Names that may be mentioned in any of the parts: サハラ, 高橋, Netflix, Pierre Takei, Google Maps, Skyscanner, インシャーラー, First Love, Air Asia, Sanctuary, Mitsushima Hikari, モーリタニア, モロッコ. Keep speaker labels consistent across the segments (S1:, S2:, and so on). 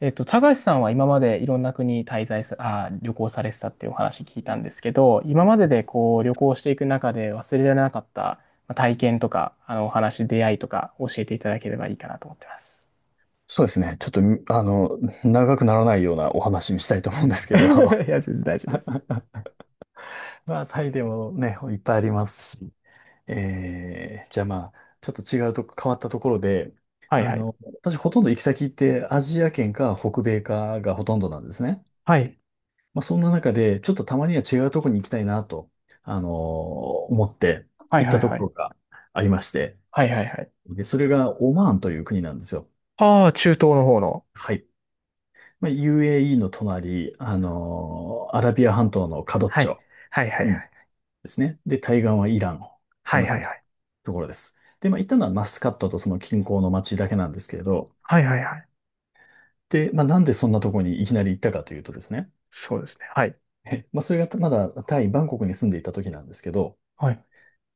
S1: 高橋さんは今までいろんな国滞在さ、あー、旅行されてたっていうお話聞いたんですけど、今まででこう旅行していく中で忘れられなかったまあ体験とか、あのお話、出会いとか教えていただければいいかなと思ってます。
S2: そうですね。ちょっと、長くならないようなお話にしたいと思うんです け
S1: い
S2: ど、
S1: や、全然大丈夫です。
S2: まあ、タイでもね、いっぱいありますし、じゃあまあ、ちょっと違うとこ、変わったところで、
S1: はい
S2: あ
S1: はい。
S2: の、私ほとんど行き先ってアジア圏か北米かがほとんどなんですね。
S1: はい。
S2: まあ、そんな中で、ちょっとたまには違うところに行きたいなと、あの、思って
S1: はい
S2: 行っ
S1: は
S2: た
S1: い
S2: と
S1: は
S2: こ
S1: い。
S2: ろがありまして、
S1: はいはいはい。
S2: で、それがオマーンという国なんですよ。
S1: ああ、中東の方の。
S2: はい。まあ、UAE の隣、アラビア半島のカドッ
S1: は
S2: チ
S1: い。
S2: ョ、
S1: はいはい
S2: う
S1: は
S2: ん、
S1: い。
S2: ですね。で、対岸はイラン。そ
S1: は
S2: ん
S1: い
S2: な
S1: は
S2: 感
S1: い
S2: じ
S1: は
S2: の
S1: い。
S2: ところです。で、まあ、行ったのはマスカットとその近郊の町だけなんですけれど、
S1: はいはいはい。
S2: で、まあ、なんでそんなところにいきなり行ったかというとですね、
S1: そうですね。はい。
S2: まあ、それがまだタイ、バンコクに住んでいた時なんですけど、
S1: はい。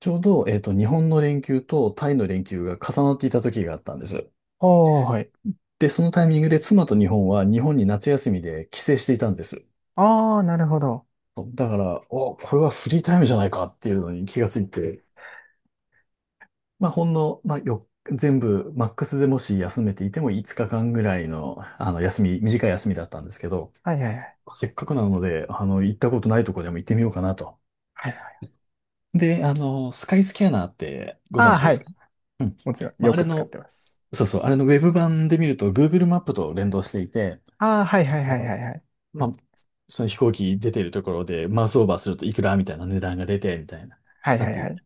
S2: ちょうど、日本の連休とタイの連休が重なっていた時があったんです。
S1: ああ、はい。
S2: で、そのタイミングで妻と日本は日本に夏休みで帰省していたんです。
S1: ああ、なるほど。
S2: だから、お、これはフリータイムじゃないかっていうのに気がついて、まあ、ほんの、まあ、よ、全部、マックスでもし休めていても5日間ぐらいの、休み、短い休みだったんですけど、
S1: はいはいはい。
S2: せっかくなので、行ったことないとこでも行ってみようかなと。
S1: はいはい。
S2: で、スカイスキャナーってご
S1: あ
S2: 存
S1: あ、
S2: 知で
S1: は
S2: す
S1: い。
S2: か？うん。
S1: もちろん、
S2: まあ、
S1: よ
S2: あれ
S1: く使っ
S2: の、
S1: てます。
S2: そうそう、あれのウェブ版で見ると Google マップと連動していて、
S1: ああ、はいはい
S2: あ
S1: はいは
S2: の
S1: いはい。
S2: まあ、その飛行機出てるところでマウスオーバーするといくらみたいな値段が出て、みたいな。
S1: はい
S2: な
S1: は
S2: っ
S1: いは
S2: て、
S1: い。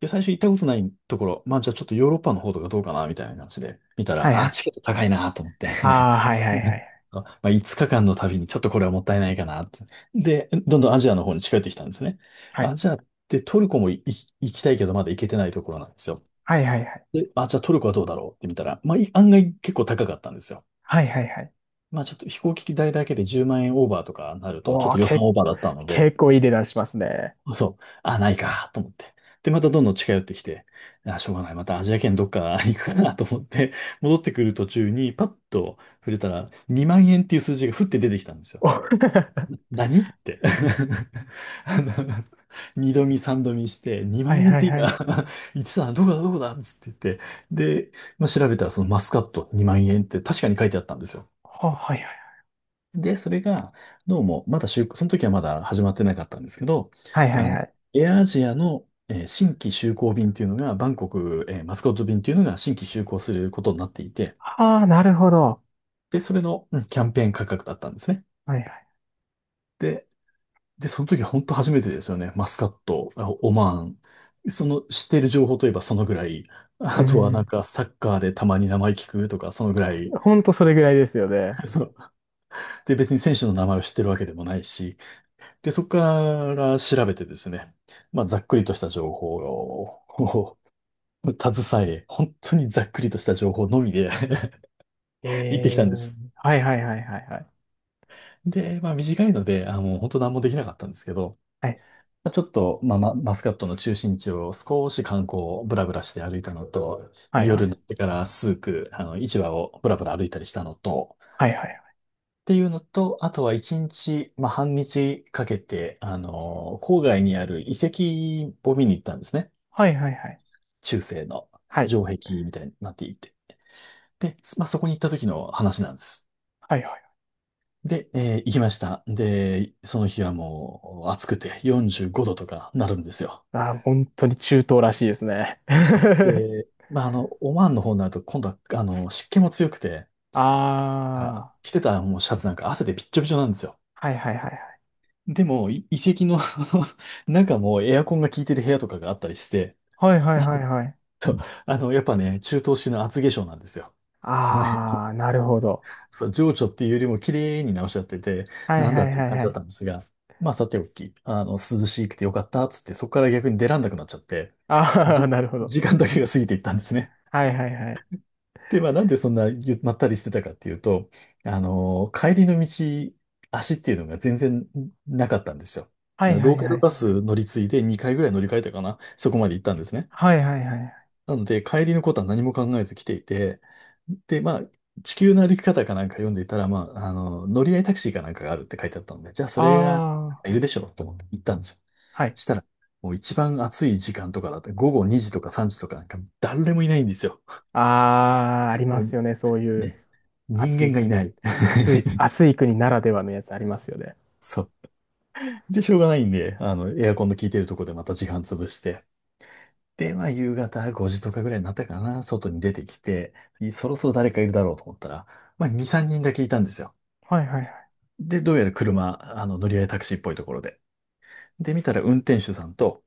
S2: で、最初行ったことないところ、まあじゃあちょっとヨーロッパの方とかどうかな、みたいな感じで見た
S1: はい
S2: ら、
S1: は
S2: あ、
S1: い。
S2: チケット高いなと思って。
S1: ああ、はいはいは い。
S2: まあ5日間の旅にちょっとこれはもったいないかなって。で、どんどんアジアの方に近寄ってきたんですね。
S1: は
S2: ア
S1: い。
S2: ジアってトルコも行きたいけどまだ行けてないところなんですよ。
S1: はいはいはい。
S2: で、あ、じゃあトルコはどうだろうって見たら、まあい案外結構高かったんですよ。
S1: はいはいはい。
S2: まあちょっと飛行機代だけで10万円オーバーとかなると、ちょ
S1: お
S2: っ
S1: お、
S2: と予算
S1: け、
S2: オーバーだったので、
S1: 結構いい値段しますね。
S2: そう。あ、ないか、と思って。で、またどんどん近寄ってきて、あ、しょうがない。またアジア圏どっか 行くかなと思って、戻ってくる途中にパッと触れたら、2万円っていう数字がふって出てきたんですよ。
S1: お は
S2: 何って。あの、二度見三度見して、2
S1: い
S2: 万円っ
S1: はい
S2: て
S1: は
S2: 今
S1: い。
S2: 言ってたのどこだどこだっつって言って、で、まあ、調べたらそのマスカット2万円って確かに書いてあったんですよ。
S1: はいはい。
S2: で、それが、どうも、まだ就、その時はまだ始まってなかったんですけど、
S1: はいはい
S2: あの、
S1: はい。
S2: エアアジアの、新規就航便っていうのが、バンコク、マスコット便っていうのが新規就航することになっていて、
S1: ああ、なるほど。
S2: で、それの、キャンペーン価格だったんですね。
S1: はいはい。
S2: で、で、その時本当初めてですよね。マスカット、あオマーン。その知っている情報といえばそのぐらい。
S1: う
S2: あとはな
S1: ん。
S2: んかサッカーでたまに名前聞くとか、そのぐらい。
S1: ほんとそれぐらいですよね。
S2: そう。で、別に選手の名前を知ってるわけでもないし、で、そこから調べてですね、まあ、ざっくりとした情報を 携え、本当にざっくりとした情報のみで 行ってき
S1: え
S2: たんで
S1: ー。
S2: す。
S1: はいはいはいはいはい。
S2: で、まあ、短いので、あ、もう本当何もできなかったんですけど、
S1: はい
S2: まあ、ちょっと、まあ、まマスカットの中心地を少し観光をブラブラして歩いたのと、
S1: は
S2: まあ、
S1: いは
S2: 夜に
S1: い。
S2: なってから数区、市場をブラブラ歩いたりしたのと、
S1: はいはい
S2: っていうのと、あとは一日、まあ、半日かけて、郊外にある遺跡を見に行ったんですね。
S1: はいはいはいはい。
S2: 中世の
S1: はい
S2: 城壁みたいになっていて。で、まあ、そこに行った時の話なんです。
S1: はいはい。
S2: で、行きました。で、その日はもう暑くて45度とかなるんですよ。
S1: ああ本当に中東らしいですね。
S2: そう。で、まあ、オマーンの方になると今度は、湿気も強くて、
S1: あ
S2: あ、
S1: あ、
S2: 着てたもうシャツなんか汗でびっちょびちょなんですよ。
S1: はいはいはいはい。
S2: でも、遺跡の 中もエアコンが効いてる部屋とかがあったりして、
S1: はいはいはいはい、
S2: やっぱね、中東式の厚化粧なんですよ。その
S1: ああなるほど、
S2: そう、情緒っていうよりも綺麗に直しちゃってて、
S1: はい
S2: なん
S1: は
S2: だっ
S1: い
S2: ていう
S1: はい
S2: 感
S1: は
S2: じだっ
S1: い、
S2: たんですが、まあさておき、涼しくてよかったっつって、そこから逆に出らんなくなっちゃって、
S1: ああ
S2: じ、
S1: なるほど、
S2: 時間だけが過ぎていったんですね。
S1: はいはいはい
S2: で、まあなんでそんなまったりしてたかっていうと、帰りの道、足っていうのが全然なかったんですよ。
S1: はいは
S2: ロー
S1: い
S2: カ
S1: は
S2: ル
S1: い
S2: バス乗り継いで2回ぐらい乗り換えたかな、そこまで行ったんですね。
S1: はいはいはい、
S2: なので、帰りのことは何も考えず来ていて、で、まあ、地球の歩き方かなんか読んでいたら、まあ、乗り合いタクシーかなんかがあるって書いてあったので、じゃあそれが
S1: ああ
S2: いるでしょうと思って行ったんですよ。
S1: はい、
S2: したら、もう一番暑い時間とかだって、午後2時とか3時とかなんか誰もいないんですよ。
S1: ああありま
S2: も
S1: す
S2: う
S1: よねそういう
S2: ね、人
S1: 暑い
S2: 間がい
S1: 国、
S2: ない。
S1: 暑い 暑い国ならではのやつありますよね、
S2: そう。で、しょうがないんで、エアコンの効いてるとこでまた時間潰して、で、まあ、夕方5時とかぐらいになったかな、外に出てきて、そろそろ誰かいるだろうと思ったら、まあ、2、3人だけいたんですよ。
S1: はいはい
S2: で、どうやら車、乗り合いタクシーっぽいところで。で、見たら運転手さんと、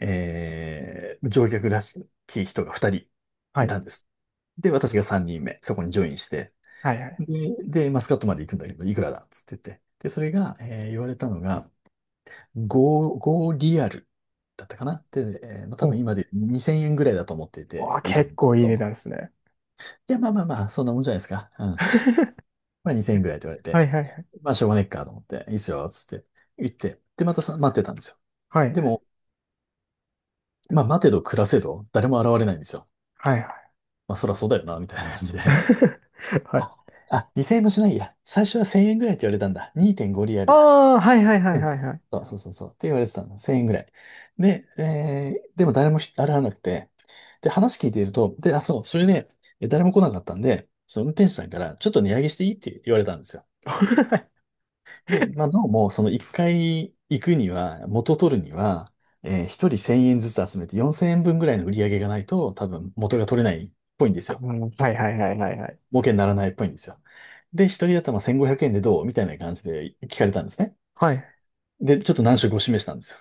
S2: 乗客らしき人が2人
S1: は
S2: い
S1: い
S2: たんです。で、私が3人目、そこにジョインして、
S1: はいはいはい、
S2: で、でマスカットまで行くんだけど、いくらだっつって言って。で、それが、言われたのが、5リアルだったかな、で、まあ、多分
S1: お
S2: 今で2000円ぐらいだと思ってい
S1: お
S2: て、
S1: ー
S2: いいと思
S1: 結
S2: うんです
S1: 構
S2: け
S1: いい値
S2: ど、
S1: 段ですね。
S2: いや、まあまあまあ、そんなもんじゃないですか。うん。まあ2000円ぐらいって言われ
S1: は
S2: て、
S1: いはい
S2: まあしょうがねっかと思って、いいっすよ、つって言って、で、またさ、待ってたんですよ。
S1: はい。
S2: で も、まあ待てど暮らせど、誰も現れないんですよ。
S1: はいはいはい。
S2: まあそらそうだよな、みたいな感じで。
S1: はい、
S2: あ、あ、2000円もしないや。最初は1000円ぐらいって言われたんだ。2.5リア
S1: あ
S2: ルだ。
S1: あはいはいはい
S2: うん。
S1: はいはい。
S2: そうそうそうそう。って言われてたんだ。1000円ぐらい。で、でも誰も現れなくて、で、話聞いていると、で、あ、そう、それで、誰も来なかったんで、その運転手さんから、ちょっと値上げしていいって言われたんですよ。で、まあ、どうも、その一回行くには、元取るには、一人1000円ずつ集めて4000円分ぐらいの売り上げがないと、多分元が取れないっぽいんですよ。
S1: はいはいはいはいはいはい
S2: 儲けにならないっぽいんですよ。で、一人頭1500円でどうみたいな感じで聞かれたんですね。
S1: はい、
S2: で、ちょっと難色を示したんですよ。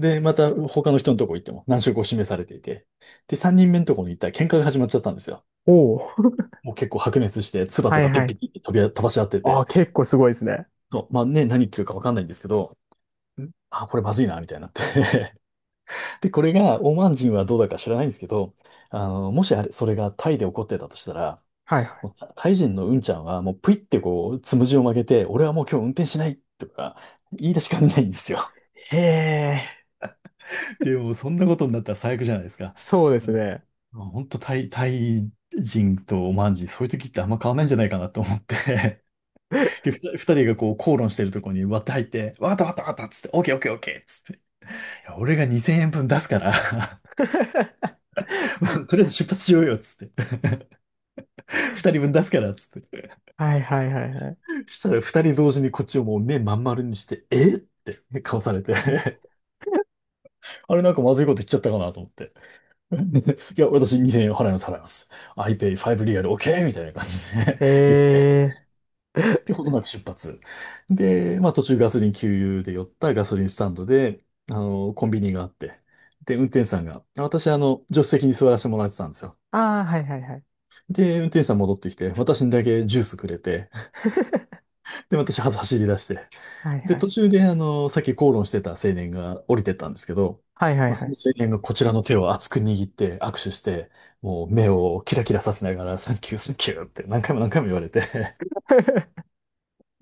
S2: で、また他の人のとこ行っても難色を示されていて。で、3人目のとこに行ったら喧嘩が始まっちゃったんですよ。
S1: おお。
S2: もう結構白熱して、唾
S1: は
S2: と
S1: い
S2: かピ
S1: は
S2: ッピ
S1: い。
S2: ッピッピッ飛ばし合って
S1: あ
S2: て。
S1: あ、結構すごいですね。
S2: そう、まあね、何言ってるかわかんないんですけど、これまずいな、みたいになって で、これが、オマーン人はどうだか知らないんですけど、もしそれがタイで起こってたとしたら、
S1: はいは
S2: もうタイ人のうんちゃんは、もうぷいってこう、つむじを曲げて、俺はもう今日運転しないとか、言い出しかねないんですよ。
S1: い。へえ、
S2: で、もうそんなことになったら最悪じゃないですか。
S1: そうで
S2: う
S1: す
S2: ん。
S1: ね。
S2: 本当、タイ人とオマーン人、そういう時ってあんま変わらないんじゃないかなと思って、で、ふ た二人がこう、口論してるところに割って入って、わかったわかったわかったっつって、オッケーオッケーオッケーっつって、いや俺が2000円分出すから とりあえず出発しようよっつって。二人分出すから、つって。
S1: はいはいはいはい。
S2: したら二人同時にこっちをもう目まん丸にして、えって顔されて あれなんかまずいこと言っちゃったかなと思って。いや、私2000円払います、払います。iPay5 リアル OK! みたいな感じで
S1: へ
S2: 言って、
S1: え。
S2: で、ほどなく出発。で、まあ途中ガソリン給油で寄ったガソリンスタンドで、コンビニがあって、で、運転手さんが、私助手席に座らせてもらってたんですよ。
S1: ああ、はいはいはい。
S2: で、運転手さん戻ってきて、私にだけジュースくれて、で、私は走り出して、
S1: はい
S2: で、
S1: は
S2: 途
S1: い。
S2: 中で、さっき口論してた青年が降りてったんですけど、
S1: はいは
S2: ま
S1: い
S2: あ、
S1: は
S2: その
S1: い。
S2: 青年がこちらの手を熱く握って握手して、もう目をキラキラさせながら、サンキュー、サンキューって何回も何回も言われて、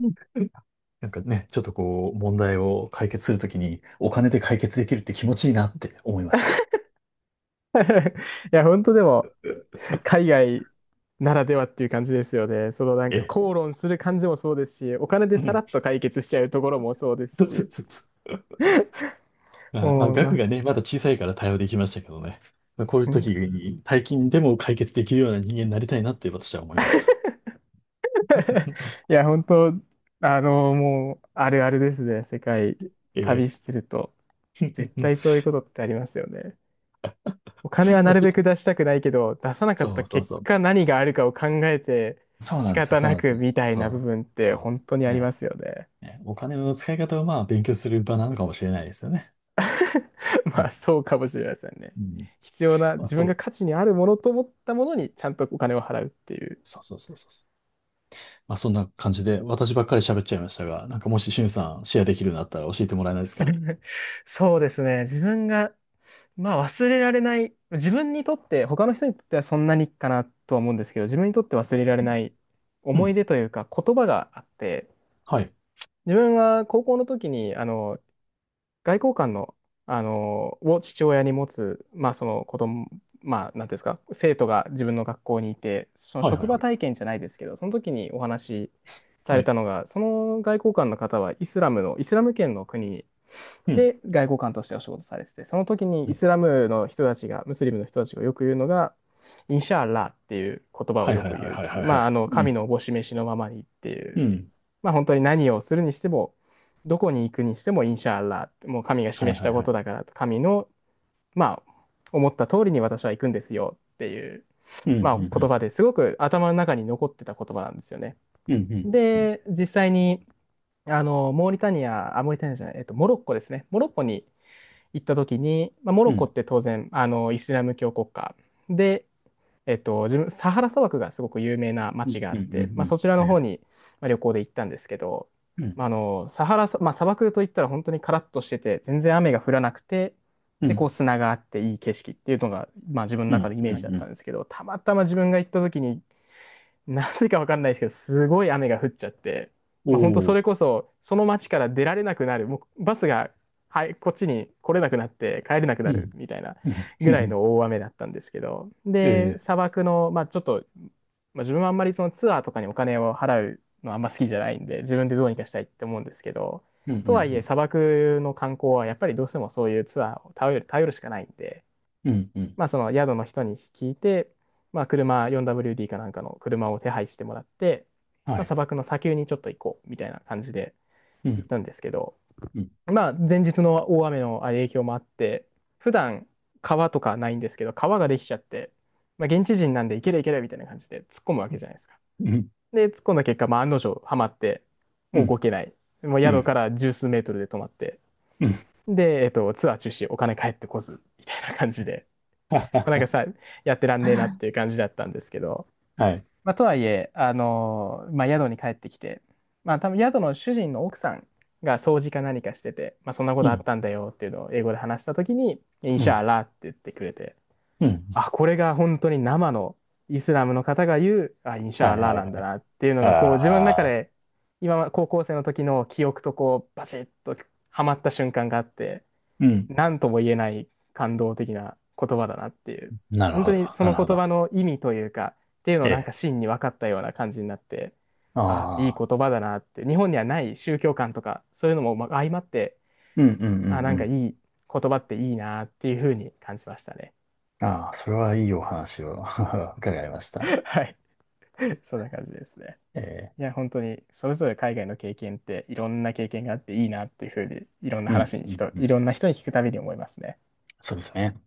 S1: うん。
S2: なんかね、ちょっとこう、問題を解決するときに、お金で解決できるって気持ちいいなって思いました。
S1: いや、本当でも、海外ならではっていう感じですよね。そのなんか
S2: え、
S1: 口論する感じもそうですし、お金で
S2: う
S1: さら
S2: ん。
S1: っと解決しちゃうところもそうで
S2: そ
S1: す
S2: うそ
S1: し。
S2: うそうそう。まあ、まあ、
S1: もう、
S2: 額
S1: ま
S2: がね、まだ小さいから対応できましたけどね。まあ、こういう時
S1: あ、
S2: に、大金でも解決できるような人間になりたいなって私は思いました。
S1: いや、本当、あの、もう、あるあるですね。世界
S2: え
S1: 旅
S2: え。
S1: してると、絶対 そういうことってありますよね。お金は
S2: ま
S1: な
S2: あ
S1: るべく出したくないけど、出さなか
S2: そ
S1: った
S2: うそう
S1: 結
S2: そう。
S1: 果何があるかを考えて
S2: そう
S1: 仕
S2: なんですよ、
S1: 方
S2: そう
S1: な
S2: なんで
S1: く
S2: すよ。
S1: みたいな部
S2: そう、
S1: 分って
S2: そ
S1: 本当に
S2: う。
S1: ありま
S2: ね。
S1: すよね。
S2: ね、お金の使い方をまあ勉強する場なのかもしれないですよね。う
S1: まあ、
S2: ん。
S1: そうかもしれませんね。
S2: うん。
S1: 必要な、
S2: あ
S1: 自分が
S2: と、
S1: 価値にあるものと思ったものにちゃんとお金を払うっていう。
S2: そうそうそうそうそう。まあそんな感じで、私ばっかり喋っちゃいましたが、なんかもししゅんさんシェアできるようになったら教えてもらえないですか。
S1: そうですね。自分がまあ忘れられない、自分にとって、他の人にとってはそんなにかなとは思うんですけど、自分にとって忘れられ
S2: う
S1: な
S2: ん、
S1: い
S2: う
S1: 思い
S2: ん。
S1: 出というか言葉があって、
S2: はい。
S1: 自分は高校の時にあの外交官の、あのを父親に持つ、まあ、その子供、まあ、なんていうんですか、生徒が自分の学校にいて、その
S2: はい、は
S1: 職
S2: い、
S1: 場
S2: はい。
S1: 体験じゃないですけど、その時にお話しさ
S2: は
S1: れた
S2: い。
S1: のが、その外交官の方はイスラムの、イスラム圏の国
S2: うん。
S1: で外交官としてお仕事されてて、その時に
S2: う
S1: イ
S2: ん、
S1: スラムの人たちが、ムスリムの人たちがよく言うのが、インシャーラーっていう言葉を
S2: はい、
S1: よ
S2: はい、
S1: く
S2: は
S1: 言
S2: い、
S1: う。
S2: はい、はい、
S1: ま
S2: は
S1: あ、あの、
S2: い。う
S1: 神
S2: ん。
S1: のおぼし召しのままにってい
S2: う
S1: う。
S2: ん。
S1: まあ、本当に何をするにしても、どこに行くにしてもインシャアラー、もう神が
S2: はい、
S1: 示し
S2: は
S1: た
S2: い、
S1: こ
S2: は
S1: と
S2: い。
S1: だから、神の、まあ、思った通りに私は行くんですよっていう、
S2: うん。う
S1: まあ、言
S2: ん。
S1: 葉ですごく頭の中に残ってた言葉なんですよね。
S2: うん。うん。うん。
S1: で、実際に、あの、モーリタニア、あ、モーリタニアじゃない、モロッコですね。モロッコに行った時に、まあ、モ
S2: う
S1: ロ
S2: ん。
S1: ッ
S2: う
S1: コっ
S2: ん。
S1: て当然、あの、イスラム教国家で、えっと、自分、サハラ砂漠がすごく有名な
S2: う
S1: 街
S2: ん。
S1: があ
S2: う
S1: っ
S2: ん、う
S1: て、まあ、
S2: ん、
S1: そちら
S2: は
S1: の
S2: い、は
S1: 方
S2: い。
S1: に、まあ、旅行で行ったんですけど、
S2: うん。
S1: まあ、あの、サハラさ、まあ、砂漠といったら本当にカラッとしてて、全然雨が降らなくて、
S2: う
S1: で、こう
S2: ん。
S1: 砂があっていい景色っていうのが、まあ、自分の
S2: う
S1: 中の
S2: ん。
S1: イ
S2: う
S1: メ
S2: ん。
S1: ー
S2: う
S1: ジだったん
S2: ん。
S1: ですけど、たまたま自分が行った時になぜかわかんないですけど、すごい雨が降っちゃって、まあ、本当
S2: お
S1: そ
S2: ー。
S1: れこそ、その町から出られなくなる、もうバスが、はい、こっちに来れなくなって帰れなくな
S2: う
S1: る
S2: ん。
S1: みたいな
S2: うん、
S1: ぐ
S2: う
S1: らい
S2: ん、
S1: の大雨だったんですけど、
S2: え
S1: で、
S2: え、
S1: 砂漠の、まあ、ちょっと、まあ、自分はあんまりそのツアーとかにお金を払うのはあんま好きじゃないんで、自分でどうにかしたいって思うんですけど、
S2: うん、う
S1: とはいえ
S2: ん、
S1: 砂漠の観光はやっぱりどうしてもそういうツアーを頼るしかないんで、
S2: うん、うん、うん、
S1: まあ、その宿の人に聞いて、まあ、車 4WD かなんかの車を手配してもらって、
S2: は
S1: まあ、砂
S2: い、
S1: 漠の砂丘にちょっと行こうみたいな感じで
S2: う
S1: 行
S2: ん、
S1: ったんですけど、
S2: うん、
S1: まあ、前日の大雨の影響もあって、普段川とかないんですけど、川ができちゃって、まあ、現地人なんで行ける行けるみたいな感じで突っ込むわけじゃないですか。
S2: うん、うん、
S1: で、突っ込んだ結果、まあ、案の定ハマって、もう動けない。もう
S2: う
S1: 宿か
S2: ん、
S1: ら十数メートルで止まって、
S2: うん、
S1: で、ツアー中止、お金返ってこず、みたいな感じで。
S2: は
S1: まあなんか
S2: は、
S1: さ、やってらんねえなっていう感じだったんですけど、
S2: はい、
S1: まあ、とはいえ、まあ、宿に帰ってきて、まあ、多分宿の主人の奥さんが掃除か何かしてて、まあ、そんなこ
S2: う
S1: とあっ
S2: ん、
S1: たんだよっていうのを英語で話したときに、イン
S2: う
S1: シャ
S2: ん、
S1: アラーって言ってくれて、
S2: うん、
S1: あ、これが本当に生のイスラムの方が言う、あ、インシャ
S2: は
S1: ア
S2: い、
S1: ラー
S2: はい、
S1: な
S2: は
S1: んだ
S2: い、
S1: なっていうのが、こう自分の中
S2: ああ、
S1: で、今、高校生の時の記憶とこう、バシッとはまった瞬間があって、
S2: うん、
S1: 何とも言えない感動的な言葉だなっていう。
S2: なる
S1: 本当
S2: ほど、
S1: にそ
S2: な
S1: の
S2: るほ
S1: 言
S2: ど、
S1: 葉の意味というか、っていうのを
S2: え
S1: なんか
S2: え、
S1: 真に分かったような感じになって、あ、いい
S2: ああ、
S1: 言葉だなって、日本にはない宗教観とか、そういうのもま相まって、
S2: うん、うん、うん、
S1: あ、な
S2: う
S1: んかい
S2: ん、
S1: い言葉っていいなっていうふうに感じましたね。
S2: ああ、それはいいお話を 伺いまし た。
S1: はい。そんな感じですね。
S2: ええ、
S1: いや、本当に、それぞれ海外の経験って、いろんな経験があっていいなっていうふうに、いろんな
S2: う
S1: 話
S2: ん、
S1: に
S2: うん、
S1: 人、
S2: う
S1: いろ
S2: ん、
S1: んな人に聞くたびに思いますね。
S2: そうですね。